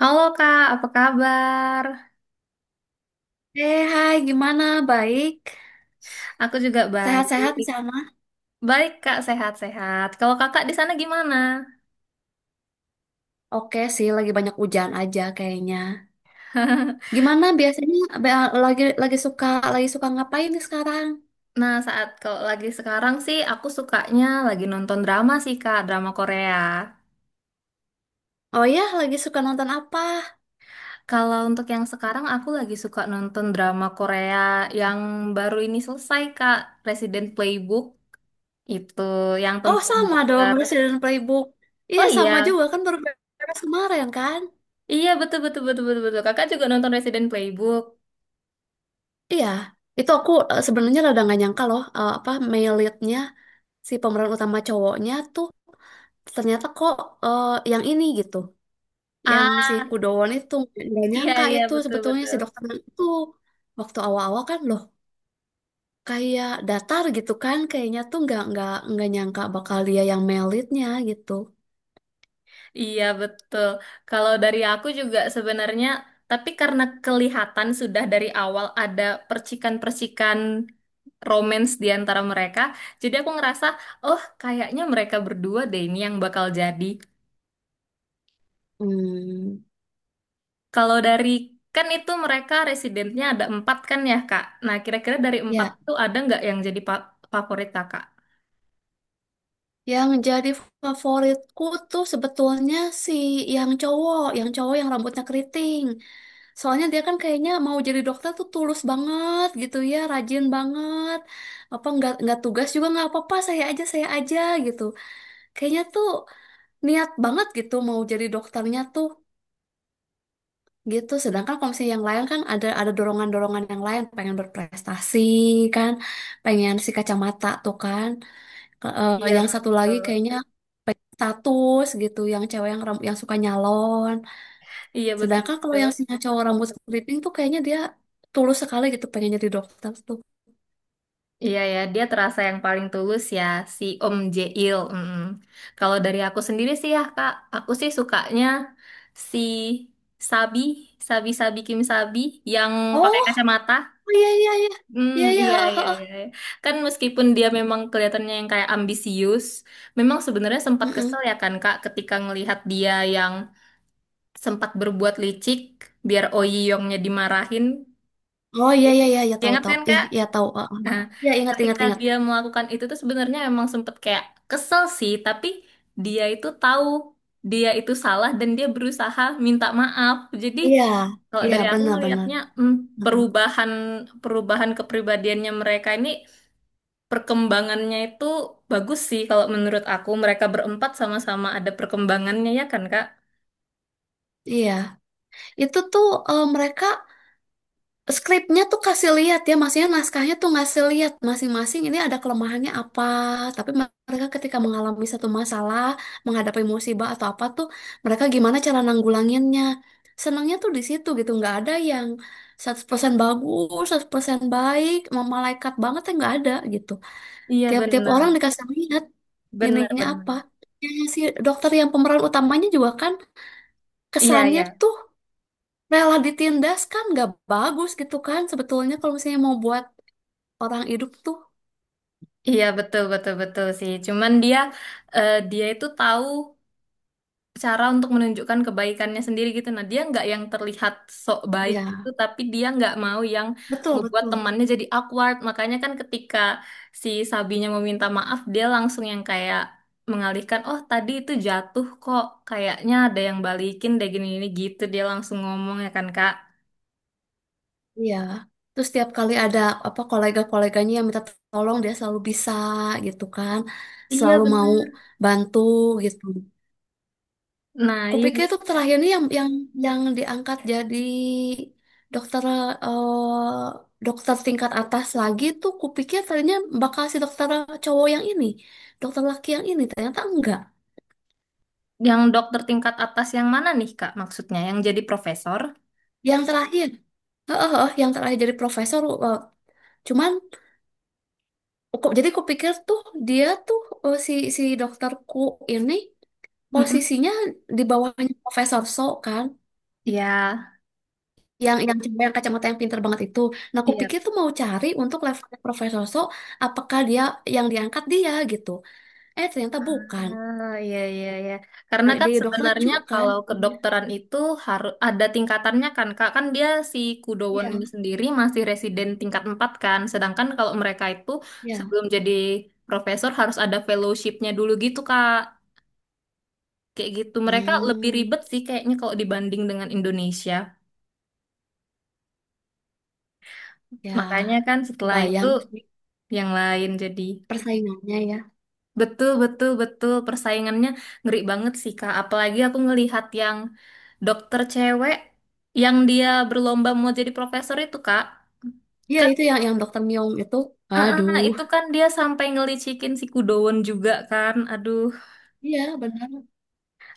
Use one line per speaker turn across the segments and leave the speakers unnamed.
Halo Kak, apa kabar?
Eh, hai, gimana? Baik?
Aku juga baik.
Sehat-sehat di sana?
Baik Kak, sehat-sehat. Kalau Kakak di sana gimana?
Oke sih, lagi banyak hujan aja kayaknya. Gimana biasanya be- lagi lagi suka lagi suka ngapain nih sekarang?
Nah, saat kalau lagi sekarang sih aku sukanya lagi nonton drama sih Kak, drama Korea.
Oh ya, lagi suka nonton apa?
Kalau untuk yang sekarang aku lagi suka nonton drama Korea yang baru ini selesai Kak, Resident Playbook itu yang
Oh,
tentang
sama dong,
dokter.
Resident Playbook.
Oh
Iya, sama
iya.
juga kan baru beres kemarin kan?
Iya, betul betul betul betul betul. Kakak juga nonton Resident Playbook.
Iya, itu aku sebenarnya rada nggak nyangka loh apa male lead-nya, si pemeran utama cowoknya tuh, ternyata kok eh, yang ini gitu. Yang si
Ah,
Kudowon itu, nggak
iya
nyangka
iya
itu
betul
sebetulnya
betul.
si dokter itu. Waktu awal-awal kan loh kayak datar gitu kan, kayaknya tuh nggak nyangka bakal dia yang melitnya gitu.
Iya betul. Kalau dari aku juga sebenarnya, tapi karena kelihatan sudah dari awal ada percikan-percikan romance di antara mereka, jadi aku ngerasa, oh kayaknya mereka berdua deh ini yang bakal jadi.
Hmm,
Kalau dari kan itu mereka residennya ada empat kan ya Kak. Nah kira-kira dari empat
ya,
itu ada nggak yang jadi favorit Kakak?
yang jadi favoritku tuh sebetulnya si yang cowok, yang cowok yang rambutnya keriting. Soalnya dia kan kayaknya mau jadi dokter tuh tulus banget gitu ya, rajin banget. Apa nggak tugas juga nggak apa-apa, saya aja gitu. Kayaknya tuh niat banget gitu mau jadi dokternya tuh gitu, sedangkan kalau misalnya yang lain kan ada dorongan-dorongan yang lain, pengen berprestasi kan, pengen si kacamata tuh kan.
Iya
Yang satu lagi
betul.
kayaknya pengen status gitu, yang cewek yang yang suka nyalon,
Iya betul.
sedangkan kalau yang si cowok rambut keriting tuh kayaknya dia tulus sekali gitu pengen jadi dokter tuh.
Iya ya, dia terasa yang paling tulus ya, si Om Jeil. Kalau dari aku sendiri sih ya Kak, aku sih sukanya si Sabi, Sabi Sabi Kim Sabi yang
Oh,
pakai
oh,
kacamata.
iya, iya, iya,
Hmm,
iya, iya,
iya,
heeh,
iya,
heeh.
iya. Iya. Kan meskipun dia memang kelihatannya yang kayak ambisius, memang sebenarnya sempat
Mm-mm.
kesel ya kan Kak ketika ngelihat dia yang sempat berbuat licik biar Oh Ji Yongnya dimarahin.
Oh, iya, iya, iya, ya
Ya,
tahu,
ingat
tahu,
kan
ya,
Kak?
ya tahu, heeh,
Nah,
heeh. Ya, ingat, ingat,
ketika
ingat.
dia melakukan itu tuh sebenarnya emang sempet kayak kesel sih, tapi dia itu tahu dia itu salah dan dia berusaha minta maaf. Jadi
Iya,
kalau
iya
dari aku
benar-benar.
ngelihatnya
Benar.
perubahan perubahan kepribadiannya mereka ini perkembangannya itu bagus sih kalau menurut aku. Mereka berempat sama-sama ada perkembangannya ya kan, Kak?
Iya, itu tuh mereka skripnya tuh kasih lihat ya, maksudnya naskahnya tuh ngasih lihat masing-masing ini ada kelemahannya apa. Tapi mereka ketika mengalami satu masalah, menghadapi musibah atau apa tuh, mereka gimana cara nanggulanginnya. Senangnya tuh di situ gitu, nggak ada yang 100% bagus, 100% baik, malaikat banget ya nggak ada gitu.
Iya
Tiap-tiap orang
benar,
dikasih lihat
benar
ininya
benar.
apa. Ya, si dokter yang pemeran utamanya juga kan
Iya
kesannya
ya,
tuh rela ditindas kan nggak bagus gitu kan sebetulnya, kalau misalnya mau buat orang hidup tuh.
iya betul betul betul sih. Cuman dia itu tahu cara untuk menunjukkan kebaikannya sendiri gitu. Nah, dia nggak yang terlihat sok baik gitu,
Ya,
tapi dia nggak mau yang
betul,
ngebuat
betul.
temannya jadi awkward. Makanya kan ketika si Sabinya meminta maaf, dia langsung yang kayak mengalihkan, oh tadi itu jatuh kok, kayaknya ada yang balikin deh gini-gini gitu. Dia langsung ngomong ya kan, Kak.
Iya, terus setiap kali ada apa kolega-koleganya yang minta tolong, dia selalu bisa gitu kan,
Iya
selalu mau
bener.
bantu gitu.
Nah, iya.
Kupikir itu terakhir ini yang diangkat jadi dokter dokter tingkat atas lagi tuh, kupikir tadinya bakal si dokter cowok yang ini, dokter laki yang ini, ternyata enggak.
Yang dokter tingkat atas yang mana nih, Kak, maksudnya? Yang jadi profesor?
Yang terakhir, oh, heeh, yang terakhir jadi profesor. Cuman, jadi kupikir tuh dia tuh, si si dokterku ini,
Mm-mm.
posisinya di bawahnya Profesor So kan,
Iya,
yang cewek yang kacamata yang pinter banget itu. Nah, aku
Iya
pikir tuh mau cari untuk levelnya Profesor So, apakah dia yang diangkat, dia gitu? Eh, ternyata bukan.
Ah, iya, iya, iya. Karena
Nah,
kan
jadi dokter Chu
sebenarnya
kan?
kalau kedokteran itu harus ada tingkatannya kan, Kak. Kan dia si Kudowon
Iya,
ini sendiri masih residen tingkat 4 kan. Sedangkan kalau mereka itu
iya.
sebelum jadi profesor harus ada fellowshipnya dulu gitu, Kak. Kayak gitu. Mereka lebih
Hmm,
ribet sih kayaknya kalau dibanding dengan Indonesia. Makanya
ya,
kan setelah itu
bayang sih
yang lain jadi.
persaingannya ya.
Betul, betul, betul. Persaingannya ngeri banget sih, Kak. Apalagi aku ngelihat yang dokter cewek yang dia berlomba mau jadi profesor itu, Kak.
Iya,
Kan,
itu yang dokter Myong itu. Aduh.
itu kan dia sampai ngelicikin si Kudowon juga kan. Aduh,
Iya, benar.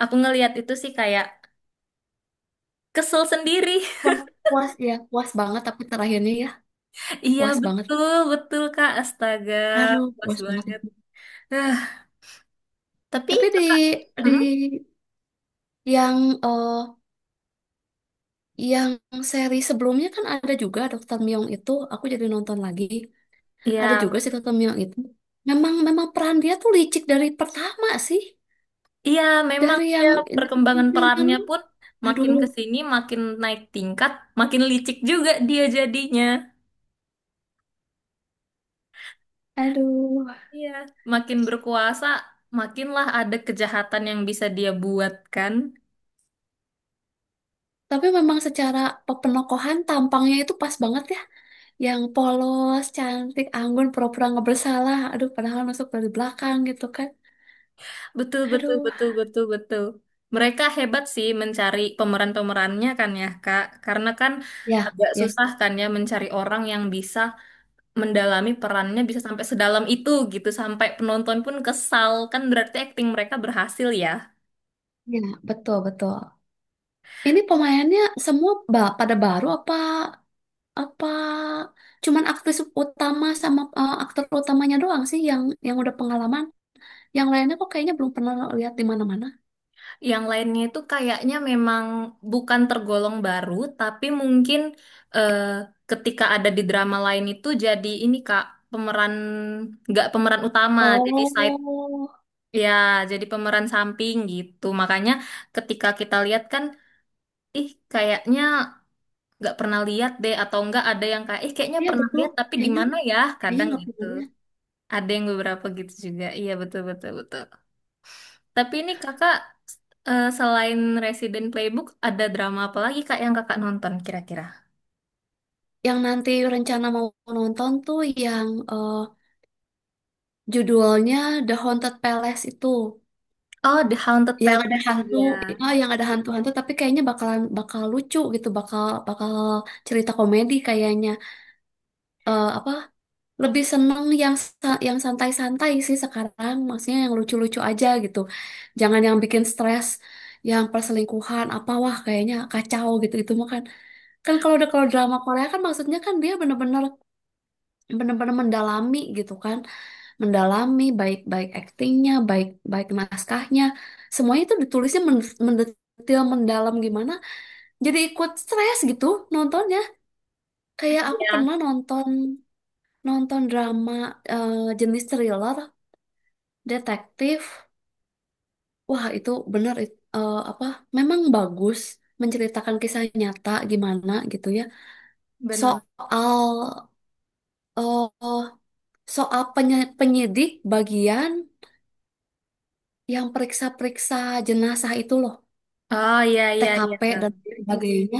aku ngelihat itu sih kayak kesel sendiri.
Puas, puas ya, puas banget tapi terakhirnya ya,
Iya,
puas banget.
betul, betul, Kak. Astaga,
Aduh,
puas
puas banget
banget.
itu.
Ah, tapi
Tapi
Kakak,
di
Hmm?
yang eh, yang seri sebelumnya kan ada juga Dokter Myung itu, aku jadi nonton lagi. Ada
Iya,
juga si Dokter Myung itu. Memang memang peran dia tuh licik dari pertama sih,
iya, memang
dari
dia
yang, dari
perkembangan
film yang.
perannya pun makin
Aduh,
ke sini makin naik tingkat, makin licik juga dia jadinya.
aduh.
Iya, makin berkuasa, makinlah ada kejahatan yang bisa dia buat kan.
Tapi memang secara penokohan, tampangnya itu pas banget ya. Yang polos, cantik, anggun, pura-pura nggak bersalah. Aduh, padahal nusuk dari belakang gitu kan.
Betul, betul,
Aduh.
betul, betul, betul. Mereka hebat sih mencari pemeran-pemerannya kan ya, Kak. Karena kan
Ya,
agak
ya,
susah kan ya mencari orang yang bisa mendalami perannya bisa sampai sedalam itu gitu, sampai penonton pun kesal. Kan berarti akting mereka berhasil ya.
ya, betul, betul. Ini pemainnya semua pada baru apa apa, cuman aktris utama sama aktor utamanya doang sih yang udah pengalaman. Yang lainnya kok kayaknya belum pernah lihat di mana-mana.
Yang lainnya itu kayaknya memang bukan tergolong baru, tapi mungkin eh, ketika ada di drama lain itu jadi ini Kak, pemeran nggak pemeran utama, jadi side
Oh,
ya, jadi pemeran samping gitu. Makanya ketika kita lihat kan, ih kayaknya nggak pernah lihat deh atau enggak ada yang kayak ih kayaknya
iya
pernah
betul.
lihat tapi di
Kayaknya
mana ya?
kayaknya
Kadang
nggak pernah
gitu.
lihat.
Ada yang beberapa gitu juga. Iya betul betul betul. Tapi ini kakak selain Resident Playbook ada drama apa lagi kak yang kakak nonton kira-kira?
Yang nanti rencana mau nonton tuh yang judulnya The Haunted Palace itu.
Oh, The Haunted
Yang ada
Palace.
hantu,
Iya,
ah, yang ada hantu-hantu, tapi kayaknya bakalan bakal lucu gitu, bakal bakal cerita komedi kayaknya. Eh, apa? Lebih seneng yang yang santai-santai sih sekarang, maksudnya yang lucu-lucu aja gitu. Jangan yang bikin stres, yang perselingkuhan apa, wah kayaknya kacau gitu. Itu mah kan, kan kalau udah, kalau drama Korea kan maksudnya kan dia bener-bener, bener-bener mendalami gitu kan, mendalami baik-baik aktingnya, baik-baik naskahnya, semuanya itu ditulisnya mendetil, mendalam gimana. Jadi ikut stres gitu nontonnya. Kayak aku
iya,
pernah nonton, nonton drama jenis thriller, detektif. Wah, itu bener apa? Memang bagus menceritakan kisah nyata gimana gitu ya.
benar.
Soal eh, soal penyidik bagian yang periksa-periksa jenazah itu loh.
Oh iya iya iya
TKP
kak.
dan sebagainya.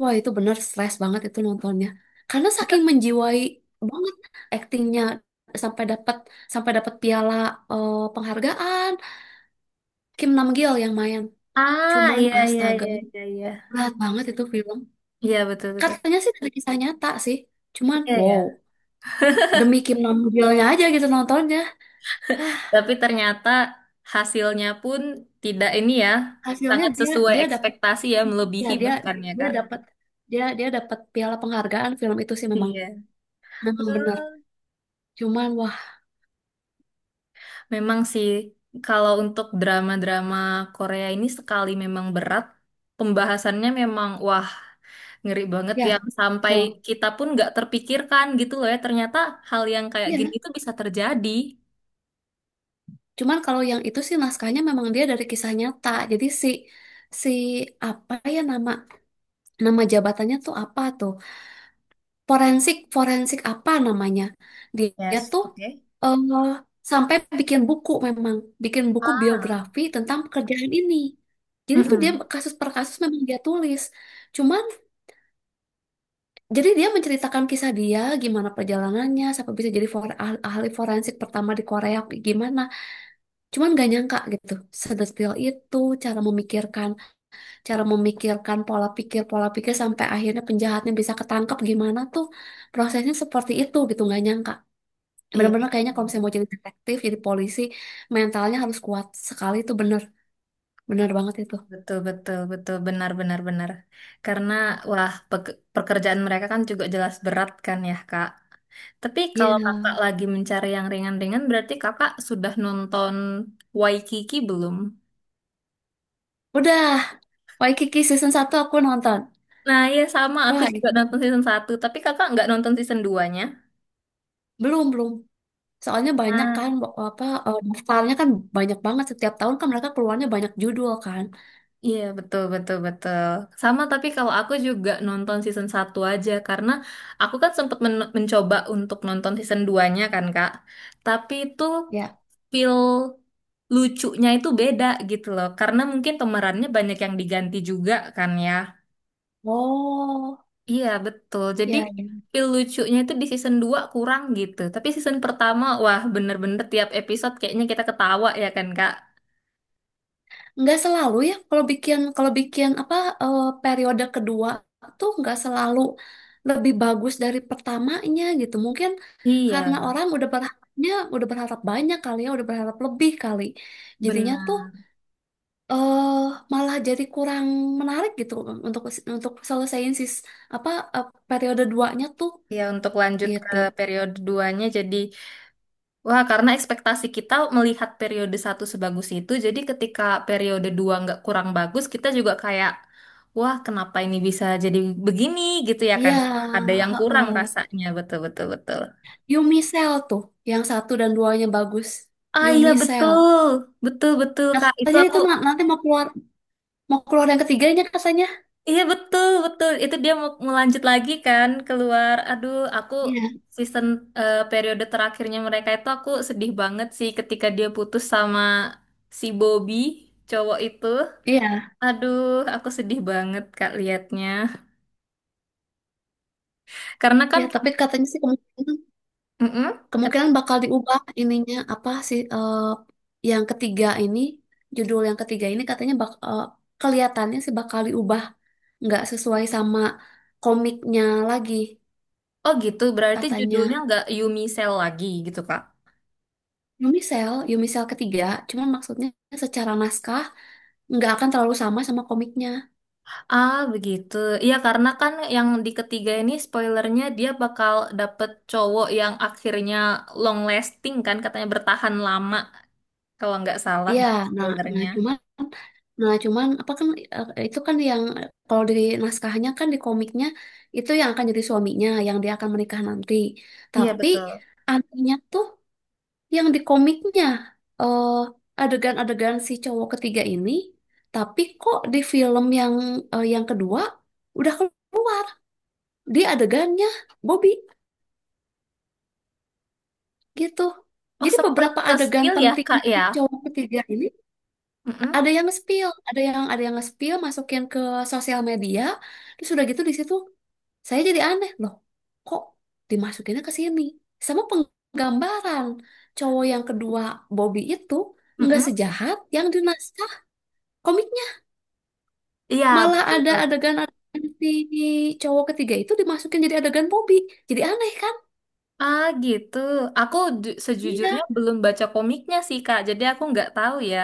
Wah, itu bener stres banget itu nontonnya. Karena saking menjiwai banget aktingnya, sampai dapat, sampai dapat piala, penghargaan. Kim Namgil yang main.
Ah
Cuman
iya iya
astaga,
iya iya iya.
berat banget itu film.
Iya betul betul.
Katanya sih dari kisah nyata sih. Cuman
Iya ya.
wow, demi Kim Namgilnya aja gitu nontonnya. Hah,
Tapi ternyata hasilnya pun tidak ini ya,
hasilnya
sangat
dia,
sesuai
dia dapat.
ekspektasi ya,
Ya,
melebihi
dia
bahkan ya
dia
kak.
dapat, dia dia dapat piala penghargaan film itu sih memang,
Iya.
memang benar.
Hmm,
Cuman wah,
memang sih, kalau untuk drama-drama Korea ini sekali memang berat, pembahasannya memang wah ngeri banget yang
ya,
sampai
tuh.
kita pun nggak terpikirkan gitu loh ya. Ternyata hal yang kayak gini
Iya.
itu bisa terjadi.
Cuman kalau yang itu sih naskahnya memang dia dari kisah nyata. Jadi si si, apa ya, nama, nama jabatannya tuh apa tuh? Forensik, forensik apa namanya? Dia, dia
Yes,
tuh
oke.
eh, sampai bikin buku, memang bikin buku
Ah,
biografi tentang pekerjaan ini. Jadi tuh dia
mm-mm.
kasus per kasus memang dia tulis. Cuman, jadi dia menceritakan kisah dia gimana perjalanannya sampai bisa jadi ahli, ahli forensik pertama di Korea gimana. Cuman gak nyangka gitu, sedetil itu cara memikirkan, cara memikirkan pola pikir sampai akhirnya penjahatnya bisa ketangkep, gimana tuh prosesnya seperti itu gitu, gak nyangka.
Iya.
Bener-bener kayaknya kalau misalnya mau jadi detektif, jadi polisi, mentalnya harus kuat sekali itu, bener, bener banget itu.
Betul, betul, betul, benar, benar, benar. Karena, wah, pekerjaan mereka kan juga jelas berat kan ya, Kak. Tapi kalau kakak
Iya.
lagi mencari yang ringan-ringan, berarti kakak sudah nonton Waikiki belum?
Udah, Waikiki season satu aku nonton.
Nah, iya sama, aku
Wah
juga nonton
itu,
season satu tapi kakak nggak nonton season duanya
belum, belum. Soalnya
nya
banyak
Ah,
kan, daftarnya kan banyak banget. Setiap tahun kan mereka keluarnya banyak judul kan.
iya betul betul betul. Sama tapi kalau aku juga nonton season satu aja karena aku kan sempat mencoba untuk nonton season duanya kan Kak. Tapi itu
Ya.
feel lucunya itu beda gitu loh. Karena mungkin pemerannya banyak yang diganti juga kan ya.
Oh.
Iya, betul. Jadi
Ya, ya.
feel lucunya itu di season 2 kurang gitu. Tapi season pertama, wah bener-bener tiap episode kayaknya kita ketawa ya kan, Kak?
Nggak selalu ya. Kalau bikin, kalau bikin apa, periode kedua tuh nggak selalu lebih bagus dari pertamanya gitu. Mungkin karena
Iya,
orang udah berharapnya, udah berharap banyak kali ya, udah berharap lebih kali. Jadinya tuh
benar.
eh malah jadi kurang menarik gitu untuk untuk selesaiin sis, apa, periode duanya tuh
Ya, untuk lanjut ke
gitu.
periode duanya jadi wah, karena ekspektasi kita melihat periode satu sebagus itu, jadi ketika periode dua nggak kurang bagus, kita juga kayak, wah, kenapa ini bisa jadi begini gitu ya kan?
Iya,
Ada yang kurang
heeh.
rasanya, betul betul betul.
Yumi Cell tuh yang satu dan duanya bagus.
Ah iya
Yumi Cell.
betul, betul betul Kak. Itu
Katanya
aku,
itu nanti mau keluar, mau keluar yang ketiganya katanya.
iya betul betul. Itu dia mau melanjut lagi kan keluar. Aduh, aku
Iya.
season periode terakhirnya mereka itu aku sedih banget sih ketika dia putus sama si Bobby cowok itu.
Iya.
Aduh, aku sedih banget Kak liatnya. Karena kan,
Iya, tapi katanya sih kemungkinan,
Mm-mm.
kemungkinan
Kenapa?
bakal diubah ininya apa sih, yang ketiga ini, judul yang ketiga ini katanya kelihatannya sih bakal diubah, nggak sesuai sama komiknya lagi
Oh gitu, berarti judulnya
katanya.
nggak Yumi Cell lagi gitu Kak.
Yumisel, Yumisel ketiga, cuman maksudnya secara naskah nggak akan terlalu sama, sama komiknya.
Ah begitu, iya karena kan yang di ketiga ini spoilernya dia bakal dapet cowok yang akhirnya long lasting kan, katanya bertahan lama kalau nggak salah
Iya,
dari
nah,
spoilernya.
nah cuman apa kan itu kan yang kalau di naskahnya kan, di komiknya itu yang akan jadi suaminya, yang dia akan menikah nanti.
Iya
Tapi
betul.
anehnya tuh yang di komiknya eh, adegan-adegan si cowok ketiga ini, tapi kok di film yang yang kedua udah keluar di adegannya Bobby gitu.
Oh
Jadi
sempat
beberapa
ke
adegan
spill ya Kak
pentingnya si
ya?
cowok ketiga ini
Mm-mm.
ada yang nge-spill, ada yang, ada yang nge-spill, masukin ke sosial media, terus udah gitu di situ saya jadi aneh loh, kok dimasukinnya ke sini? Sama penggambaran cowok yang kedua, Bobby itu, nggak
Mm-mm.
sejahat yang di naskah komiknya,
Iya
malah ada
betul.
adegan, adegan si cowok ketiga itu dimasukin jadi adegan Bobby, jadi aneh kan?
Ah gitu. Aku
Iya,
sejujurnya belum baca komiknya sih Kak, jadi aku nggak tahu ya.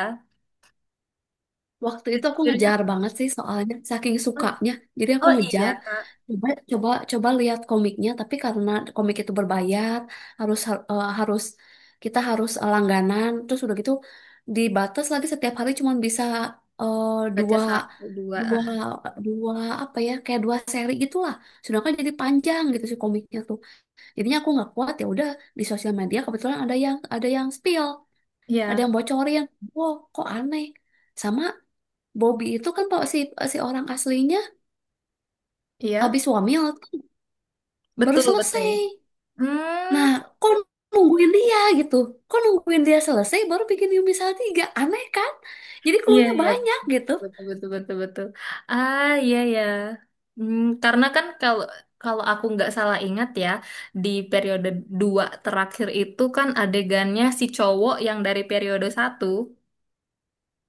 waktu itu aku
Sejujurnya
ngejar banget sih soalnya saking
oh,
sukanya. Jadi aku
oh iya
ngejar,
Kak,
coba, coba, coba lihat komiknya, tapi karena komik itu berbayar, harus eh, harus kita harus langganan, terus udah gitu dibatas lagi setiap hari cuma bisa eh,
baca
dua,
satu dua. Ah,
dua,
ah.
dua apa ya, kayak dua seri gitulah. Sedangkan jadi panjang gitu sih komiknya tuh. Jadinya aku nggak kuat, ya udah di sosial media kebetulan ada yang, ada yang spill, ada
Iya,
yang bocorin. Wow, kok aneh. Sama Bobby itu kan, pak si si orang aslinya
iya,
habis wamil baru
betul betul.
selesai.
Hmm,
Nah, kok nungguin dia gitu? Kok nungguin dia selesai baru bikin Yumi tiga? Aneh kan? Jadi
iya
clue-nya
iya
banyak gitu.
betul betul betul betul. Ah iya ya. Hmm, karena kan kalau kalau aku nggak salah ingat ya, di periode dua terakhir itu kan adegannya si cowok yang dari periode satu.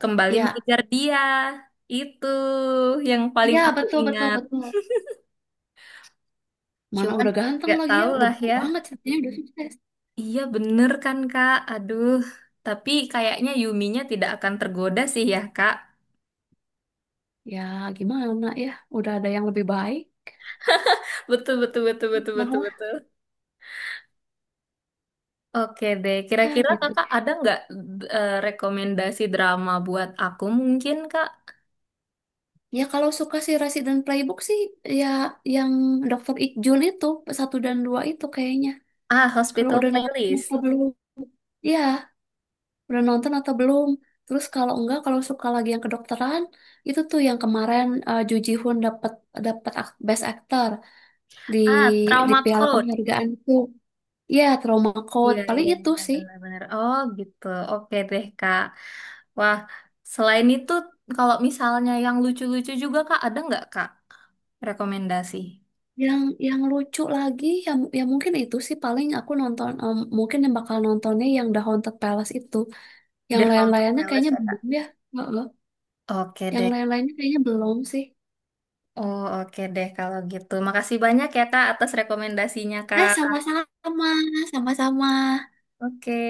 Kembali
Ya,
mengejar dia. Itu yang paling
ya
aku
betul, betul,
ingat.
betul. Mana
Cuman
udah ganteng
gak
lagi ya,
tahu
udah
lah
bau
ya.
banget ceritanya udah sukses.
Iya bener kan Kak? Aduh. Tapi kayaknya Yuminya tidak akan tergoda sih ya Kak.
Ya gimana ya, udah ada yang lebih baik.
Betul, betul, betul, betul,
Nah
betul,
lah,
betul. Oke deh,
ya
kira-kira
gitu.
kakak ada nggak rekomendasi drama buat aku mungkin kak?
Ya kalau suka si Resident Playbook sih, ya yang Dokter Ikjul itu, satu dan dua itu kayaknya.
Ah,
Kalau
Hospital
udah nonton
Playlist.
atau belum? Iya, udah nonton atau belum? Terus kalau enggak, kalau suka lagi yang kedokteran, itu tuh yang kemarin Ju Ji Hoon dapat, dapat Best Actor di
Ah,
di
Trauma
piala
Code.
penghargaan tuh. Iya, Trauma Code.
Iya,
Paling
iya,
itu
iya,
sih.
benar-benar. Oh, gitu. Oke deh, Kak. Wah, selain itu, kalau misalnya yang lucu-lucu juga, Kak, ada nggak, Kak, rekomendasi?
Yang yang lucu lagi, ya, ya mungkin itu sih paling aku nonton, em, mungkin yang bakal nontonnya yang The Haunted Palace itu. Yang
Udah untuk
lain-lainnya
playlist
kayaknya
ya, Kak.
belum ya. Heeh.
Oke
Yang
deh.
lain-lainnya kayaknya belum sih.
Oh, oke deh kalau gitu. Makasih banyak ya, Kak, atas rekomendasinya,
Eh,
Kak.
sama-sama, sama-sama.
Oke.